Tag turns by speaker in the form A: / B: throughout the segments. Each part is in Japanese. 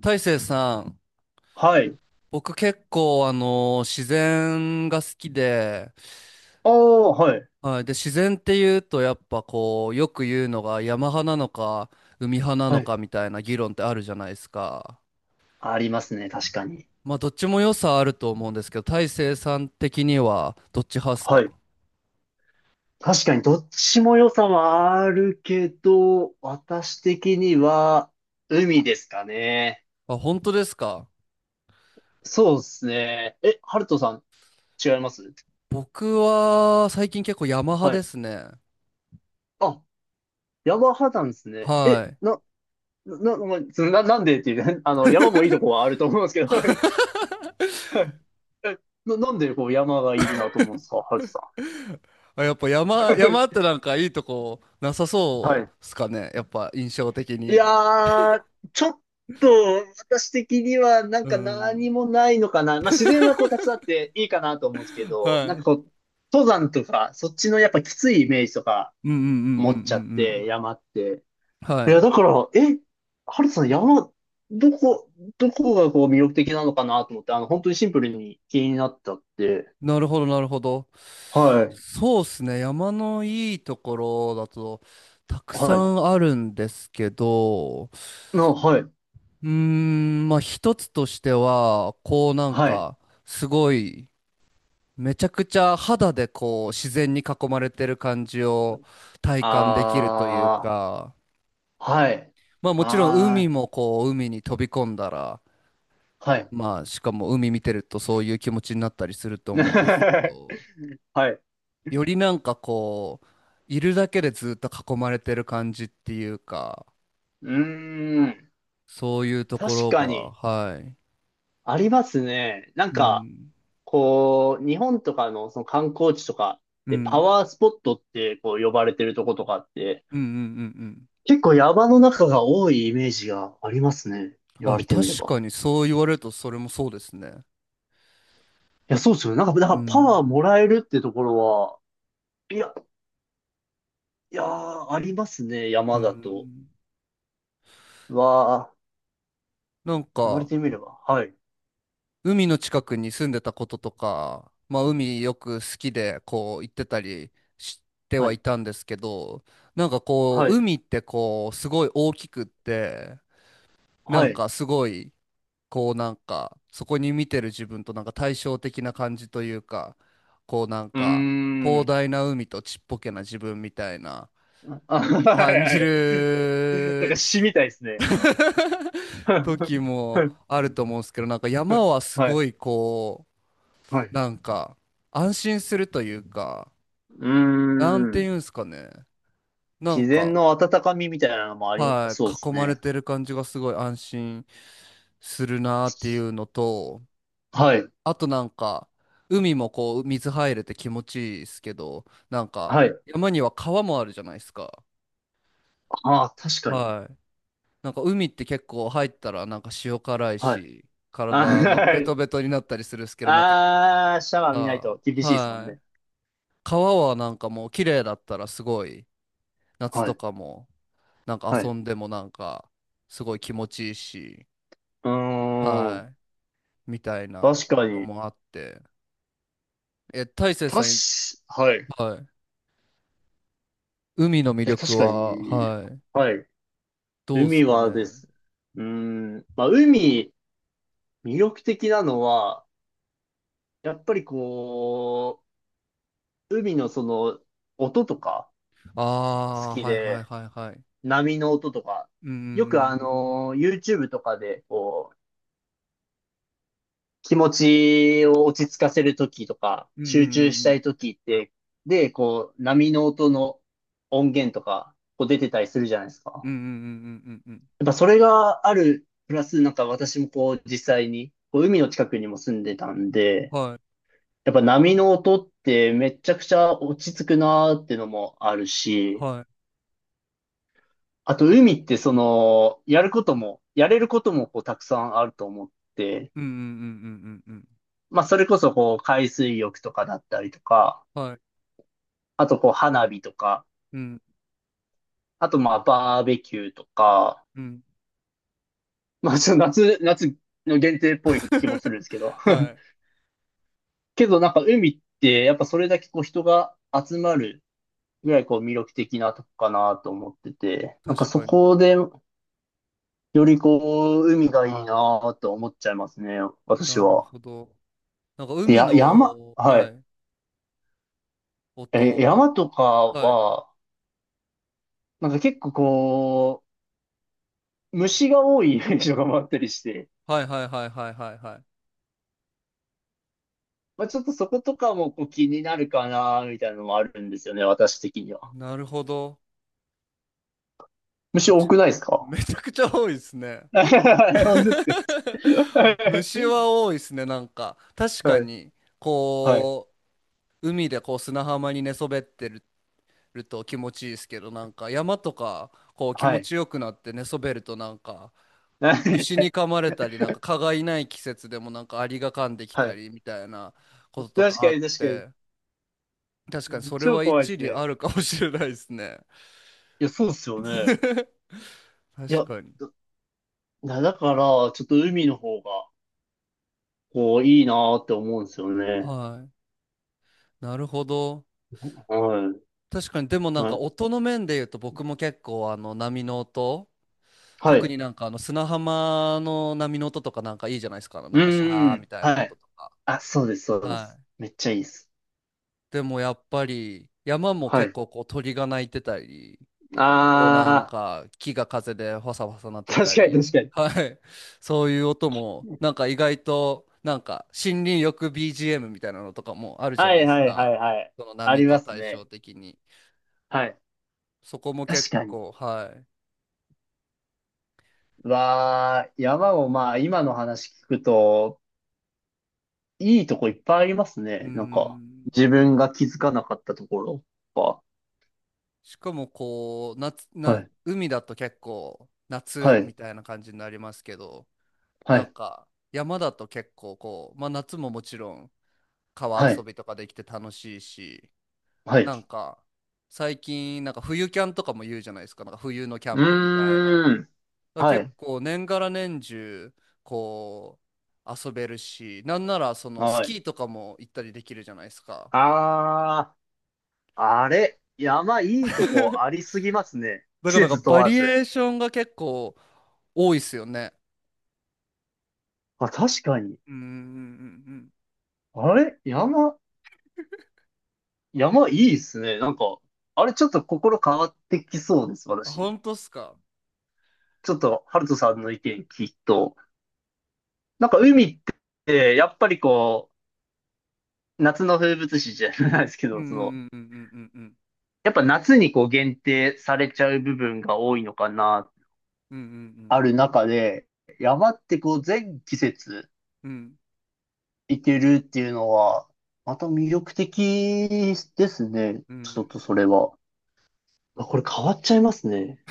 A: 大成さん、
B: はい。
A: 僕結構自然が好きで、
B: ああ、はい。
A: はい、で自然っていうとやっぱこうよく言うのが山派なのか海派な
B: は
A: の
B: い。
A: かみたいな議論ってあるじゃないですか。
B: ありますね、確かに。
A: まあどっちも良さあると思うんですけど、大成さん的にはどっち派っす
B: は
A: か？
B: い。確かにどっちも良さはあるけど、私的には海ですかね。
A: あ、本当ですか？
B: そうですね。え、ハルトさん、違います
A: 僕は最近結構山派
B: は
A: で
B: い。
A: すね。
B: あ、山派なんですね。え、
A: はい。
B: な、な、な、な、なんでっていうね、あの、山もいいとこはあると思うんですけど、えなんでこう山がいいなと思うんですか、ハルトさ
A: あ、やっぱ山っ
B: ん。
A: てなんかいいとこなさ
B: は
A: そう
B: い。
A: っすかね。やっぱ印象的
B: い
A: に。
B: やー、ちょっと私的にはなん
A: う
B: か
A: ん。
B: 何もないのかな。まあ自然はこうたくさんあっていいかなと思うんですけ
A: は
B: ど、なんか
A: い。
B: こう、登山とか、そっちのやっぱきついイメージとか
A: うんうんうんう
B: 持
A: んう
B: っちゃって、
A: ん
B: 山って。
A: うん。は
B: いや、
A: い。
B: だから、え、ハルトさん山、どこ、どこがこう魅力的なのかなと思って、あの、本当にシンプルに気になったって。
A: なるほど、なるほど。
B: はい。
A: そうですね。山のいいところだと、たくさ
B: はい。
A: んあるんですけど、
B: の、はい。
A: うーん、まあ一つとしては、こうなん
B: はい。
A: か、すごい、めちゃくちゃ肌でこう、自然に囲まれてる感じを体感できるという
B: あ
A: か、
B: ー、はい。
A: まあもちろん海
B: あ
A: もこう、海に飛び込んだら、
B: ー、はい。
A: まあしかも海見てるとそういう気持ちになったりすると思うんですけ ど、
B: はい。
A: よりなんかこう、いるだけでずっと囲まれてる感じっていうか、
B: うーん。
A: そういうとこ
B: 確
A: ろ
B: か
A: が、
B: に、
A: はい。
B: ありますね。なん
A: う
B: か、
A: ん。
B: こう、日本とかのその観光地とか
A: う
B: でパ
A: ん。
B: ワースポットってこう呼ばれてるとことかって、
A: うんうんうんうん。
B: 結構山の中が多いイメージがありますね。言
A: あ、
B: われてみれ
A: 確
B: ば。
A: かにそう言われるとそれもそうですね。
B: いや、そうですよね。なんか、だか
A: う
B: らパ
A: ん。
B: ワーもらえるってところは、いや、いやー、ありますね。
A: う
B: 山だと。
A: ん。
B: うわあ、
A: なん
B: 言われ
A: か、
B: てみれば。はい。
A: 海の近くに住んでたこととか、まあ海よく好きでこう行ってたりして
B: は
A: は
B: い。
A: いたんですけど、なんかこ
B: は
A: う、
B: い。
A: 海ってこう、すごい大きくって、な
B: は
A: ん
B: い。う
A: かすごい、こうなんか、そこに見てる自分となんか対照的な感じというか、こうなん
B: ー
A: か、広
B: ん。
A: 大な海とちっぽけな自分みたいな
B: あ、はい、
A: 感
B: は
A: じ
B: い。なん
A: る
B: か詩みたいですね。
A: 時
B: は
A: もあると思うんですけど、なんか山はす
B: い。
A: ごいこ
B: は
A: う、
B: い。
A: なんか安心するというか、
B: うー
A: なんて
B: ん。
A: いうんですかね。なん
B: 自然
A: か、
B: の温かみみたいなのもあり、
A: は
B: そうで
A: い、
B: す
A: 囲まれ
B: ね。
A: てる感じがすごい安心するなっていうのと、
B: はい。
A: あとなんか、海もこう、水入れて気持ちいいですけど、なんか、
B: はい。
A: 山には川もあるじゃないですか。
B: ああ、確かに。
A: はい。なんか海って結構入ったらなんか塩辛い
B: はい。
A: し、
B: あ
A: 体
B: ー、は
A: ベト
B: い
A: ベトになったりするんですけど、なんか、
B: あーシャワー見ない
A: あ
B: と厳
A: ー
B: しいですもん
A: はい。
B: ね。
A: 川はなんかもう綺麗だったらすごい、夏
B: は
A: と
B: い。
A: かも、なんか
B: はい。
A: 遊
B: う
A: んでもなんか、すごい気持ちいいし、
B: ーん。
A: はい。みたいな
B: 確か
A: の
B: に。
A: もあって。え、大成
B: た
A: さん、
B: し、はい。い
A: はい。海の魅
B: や確
A: 力
B: か
A: は、
B: に。
A: はい。
B: はい。
A: どうす
B: 海
A: かね。
B: はです。うーん。まあ、海、魅力的なのは、やっぱりこう、海のその、音とか、
A: あ
B: 好
A: あ、
B: き
A: はいはい
B: で、
A: はいはい。
B: 波の音とか、
A: うんう
B: よくあ
A: ん
B: のー、YouTube とかで、こう、気持ちを落ち着かせるときとか、
A: うんう
B: 集中したい
A: ん
B: ときって、で、こう、波の音の音源とか、こう出てたりするじゃないです
A: う
B: か。
A: んうんうんうんうんうんうんうん。
B: やっぱそれがある、プラスなんか私もこう、実際に、こう、海の近くにも住んでたんで、
A: はい
B: やっぱ波の音ってめちゃくちゃ落ち着くなーってのもある
A: は
B: し、
A: い。
B: あと、海ってその、やることも、やれることもこうたくさんあると思って、
A: うんうんうんうんうんうん。
B: まあ、それこそこう、海水浴とかだったりとか、
A: はい。
B: あとこう、花火とか、
A: うん
B: あとまあ、バーベキューとか、
A: うん。
B: まあ、ちょっと夏の限定っぽい気もするんですけど。
A: はい。
B: けどなんか海ってやっぱそれだけこう人が集まるぐらいこう魅力的なとこかなと思ってて、なんか
A: 確
B: そ
A: かに。
B: こでよりこう海がいいなと思っちゃいますね、私
A: なる
B: は。
A: ほど。なんか
B: で、
A: 海
B: や、山、
A: の、
B: は
A: は
B: い。
A: い、
B: え、
A: 音。
B: 山とか
A: はい
B: は、なんか結構こう、虫が多い イメージが回ったりして、
A: はいはいはいはいはい。はい。
B: まあ、ちょっとそことかもこう気になるかな、みたいなのもあるんですよね、私的には。
A: なるほど。
B: 虫
A: 確か、
B: 多くないですか。
A: めちゃくちゃ多いですね。
B: 本当ですか。 は
A: 虫
B: い。
A: は多いですね、なんか確かに。
B: はい。
A: こう海でこう砂浜に寝そべってる、ると気持ちいいですけど、なんか山とかこう気
B: は
A: 持
B: い。
A: ちよくなって寝そべるとなんか虫に 噛まれたり、なんか蚊がいない季節でもなんかアリが噛んでき
B: は
A: た
B: い。
A: りみたいなこと
B: 確
A: とかあ
B: か
A: っ
B: に確かに。
A: て、確かにそれ
B: 超
A: は
B: 怖いで
A: 一
B: す
A: 理あ
B: ね。
A: るかもしれないですね。
B: いや、そうっすよね。い
A: 確
B: や、
A: かに。
B: だから、ちょっと海の方が、こう、いいなーって思うんですよね。
A: はい。なるほど。
B: は
A: 確かに、でも
B: い。
A: なん
B: は
A: か
B: い。
A: 音の面で言うと僕も結構あの波の音、
B: は
A: 特
B: い
A: になんかあの砂浜の波の音とかなんかいいじゃないですか。あの
B: う
A: なんかシ
B: ー
A: ャーみ
B: ん。
A: たいな
B: は
A: 音
B: い。
A: とか。
B: あ、そうです、そうで
A: は
B: す。
A: い。
B: めっちゃいいです。
A: でもやっぱり山も
B: は
A: 結
B: い。
A: 構こう鳥が鳴いてたり、こうなん
B: あ
A: か木が風でファサファサ鳴っ
B: ー、
A: て
B: 確
A: た
B: かに
A: り、
B: 確か に。
A: はい。そういう音もなんか意外となんか森林浴 BGM みたいなのとかもあるじゃ
B: は
A: な
B: い
A: いです
B: はいは
A: か。
B: いはい。
A: その
B: あ
A: 波
B: りま
A: と
B: す
A: 対照
B: ね。
A: 的に。
B: はい。
A: そこも
B: 確
A: 結
B: かに。
A: 構、はい。
B: わー、山をまあ今の話聞くと、いいとこいっぱいあります
A: うー
B: ね。なんか、
A: ん。
B: 自分が気づかなかったところと
A: しかもこう、
B: か。はい。
A: 海だと結構
B: は
A: 夏み
B: い。
A: たいな感じになりますけど、
B: は
A: なん
B: い。
A: か山だと結構こう夏ももちろん川
B: は
A: 遊
B: い。
A: びとかできて楽しいし、
B: は
A: なん
B: い。
A: か最近なんか冬キャンとかも言うじゃないですか、なんか冬のキャ
B: う
A: ンプみたいな。
B: ーん。は
A: 結
B: い。
A: 構年がら年中こう遊べるし、なんならそのス
B: は
A: キ
B: い。
A: ーとかも行ったりできるじゃないですか。
B: あー。あれ、山いいとこありすぎますね。
A: だ
B: 季
A: から
B: 節問
A: バ
B: わ
A: リエ
B: ず。
A: ーションが結構多いっすよね。
B: あ、確かに。
A: うんうんうん
B: あれ、山いいっすね。なんか、あれちょっと心変わってきそうです、
A: うん。ほ
B: 私。
A: んとっすか？
B: ちょっと、ハルトさんの意見聞くと。なんか海って、やっぱりこう、夏の風物詩じゃないですけ
A: うんう
B: ど、その、
A: んうんうんうん
B: やっぱ夏にこう限定されちゃう部分が多いのかな、
A: うんうん
B: あ
A: う
B: る
A: ん
B: 中で、山ってこう全季節、
A: うんうん
B: いけるっていうのは、また魅力的です
A: うんうんうん
B: ね。
A: うんう
B: ちょっ
A: ん。
B: とそれは。あこれ変わっちゃいますね。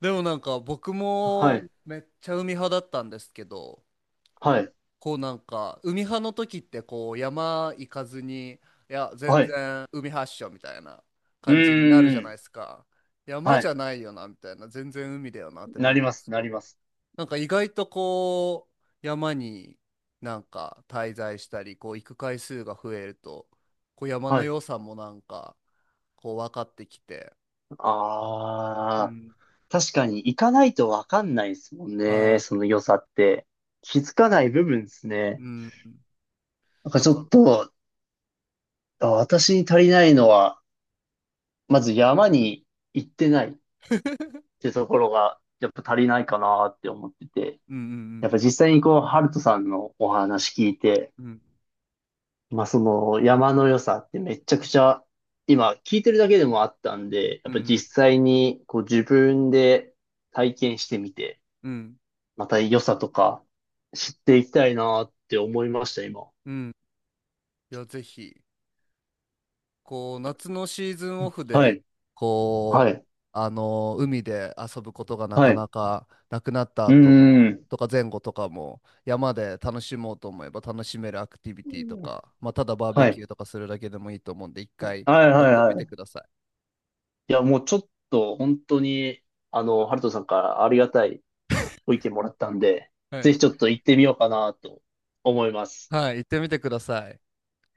A: でもなんか僕
B: は
A: も
B: い。
A: めっちゃ海派だったんですけど、
B: はい。
A: こうなんか海派の時ってこう山行かずに、いや全
B: はい。
A: 然海発祥みたいな
B: う
A: 感じになる
B: ー
A: じゃない
B: ん。
A: ですか。山
B: は
A: じゃ
B: い。
A: ないよなみたいな、全然海だよなって
B: な
A: な
B: り
A: るん
B: ま
A: で
B: す。
A: す
B: な
A: け
B: りま
A: ど、
B: す。
A: なんか意外とこう山になんか滞在したり、こう行く回数が増えると、こう山の
B: はい。
A: 良さもなんかこう分かってきて、う
B: ああ、
A: ん。
B: 確かに行かないとわかんないですもんね。
A: は
B: その良さって。気づかない部分です
A: い、う
B: ね。
A: ん、
B: なんか
A: だ
B: ちょ
A: か
B: っ
A: ら、
B: と、あ私に足りないのは、まず山に行ってないってところが、やっぱ足りないかなって思ってて。
A: う
B: やっぱ
A: ん
B: 実際にこう、ハルトさんのお話聞いて、
A: うんうん
B: まあその山の良さってめちゃくちゃ、今聞いてるだけでもあったんで、
A: う
B: やっぱ実
A: ん
B: 際にこう自分で体験してみて、
A: うんうんうん
B: また良さとか知っていきたいなって思いました、今。
A: うん、いやぜひこう夏のシーズンオフ
B: は
A: で
B: い、は
A: こう
B: い、
A: あの海で遊ぶことがな
B: は
A: か
B: い。
A: なかなくなった
B: うー
A: 後も
B: ん。
A: とか前後とかも山で楽しもうと思えば楽しめるアクティビティとか、まあ、ただバーベ
B: は
A: キ
B: い。
A: ューとかするだけでもいいと思うんで一回
B: はい
A: やっ
B: はい
A: てみ
B: は
A: てく
B: い。
A: ださ
B: いや、もうちょっと本当に、あの、ハルトさんからありがたいご意見もらったんで、
A: い。は
B: ぜ
A: い、
B: ひちょっと行ってみようかなと思います。
A: はい、行ってみてください。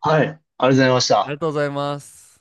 B: はい。ありがとうございまし
A: あり
B: た。
A: がとうございます。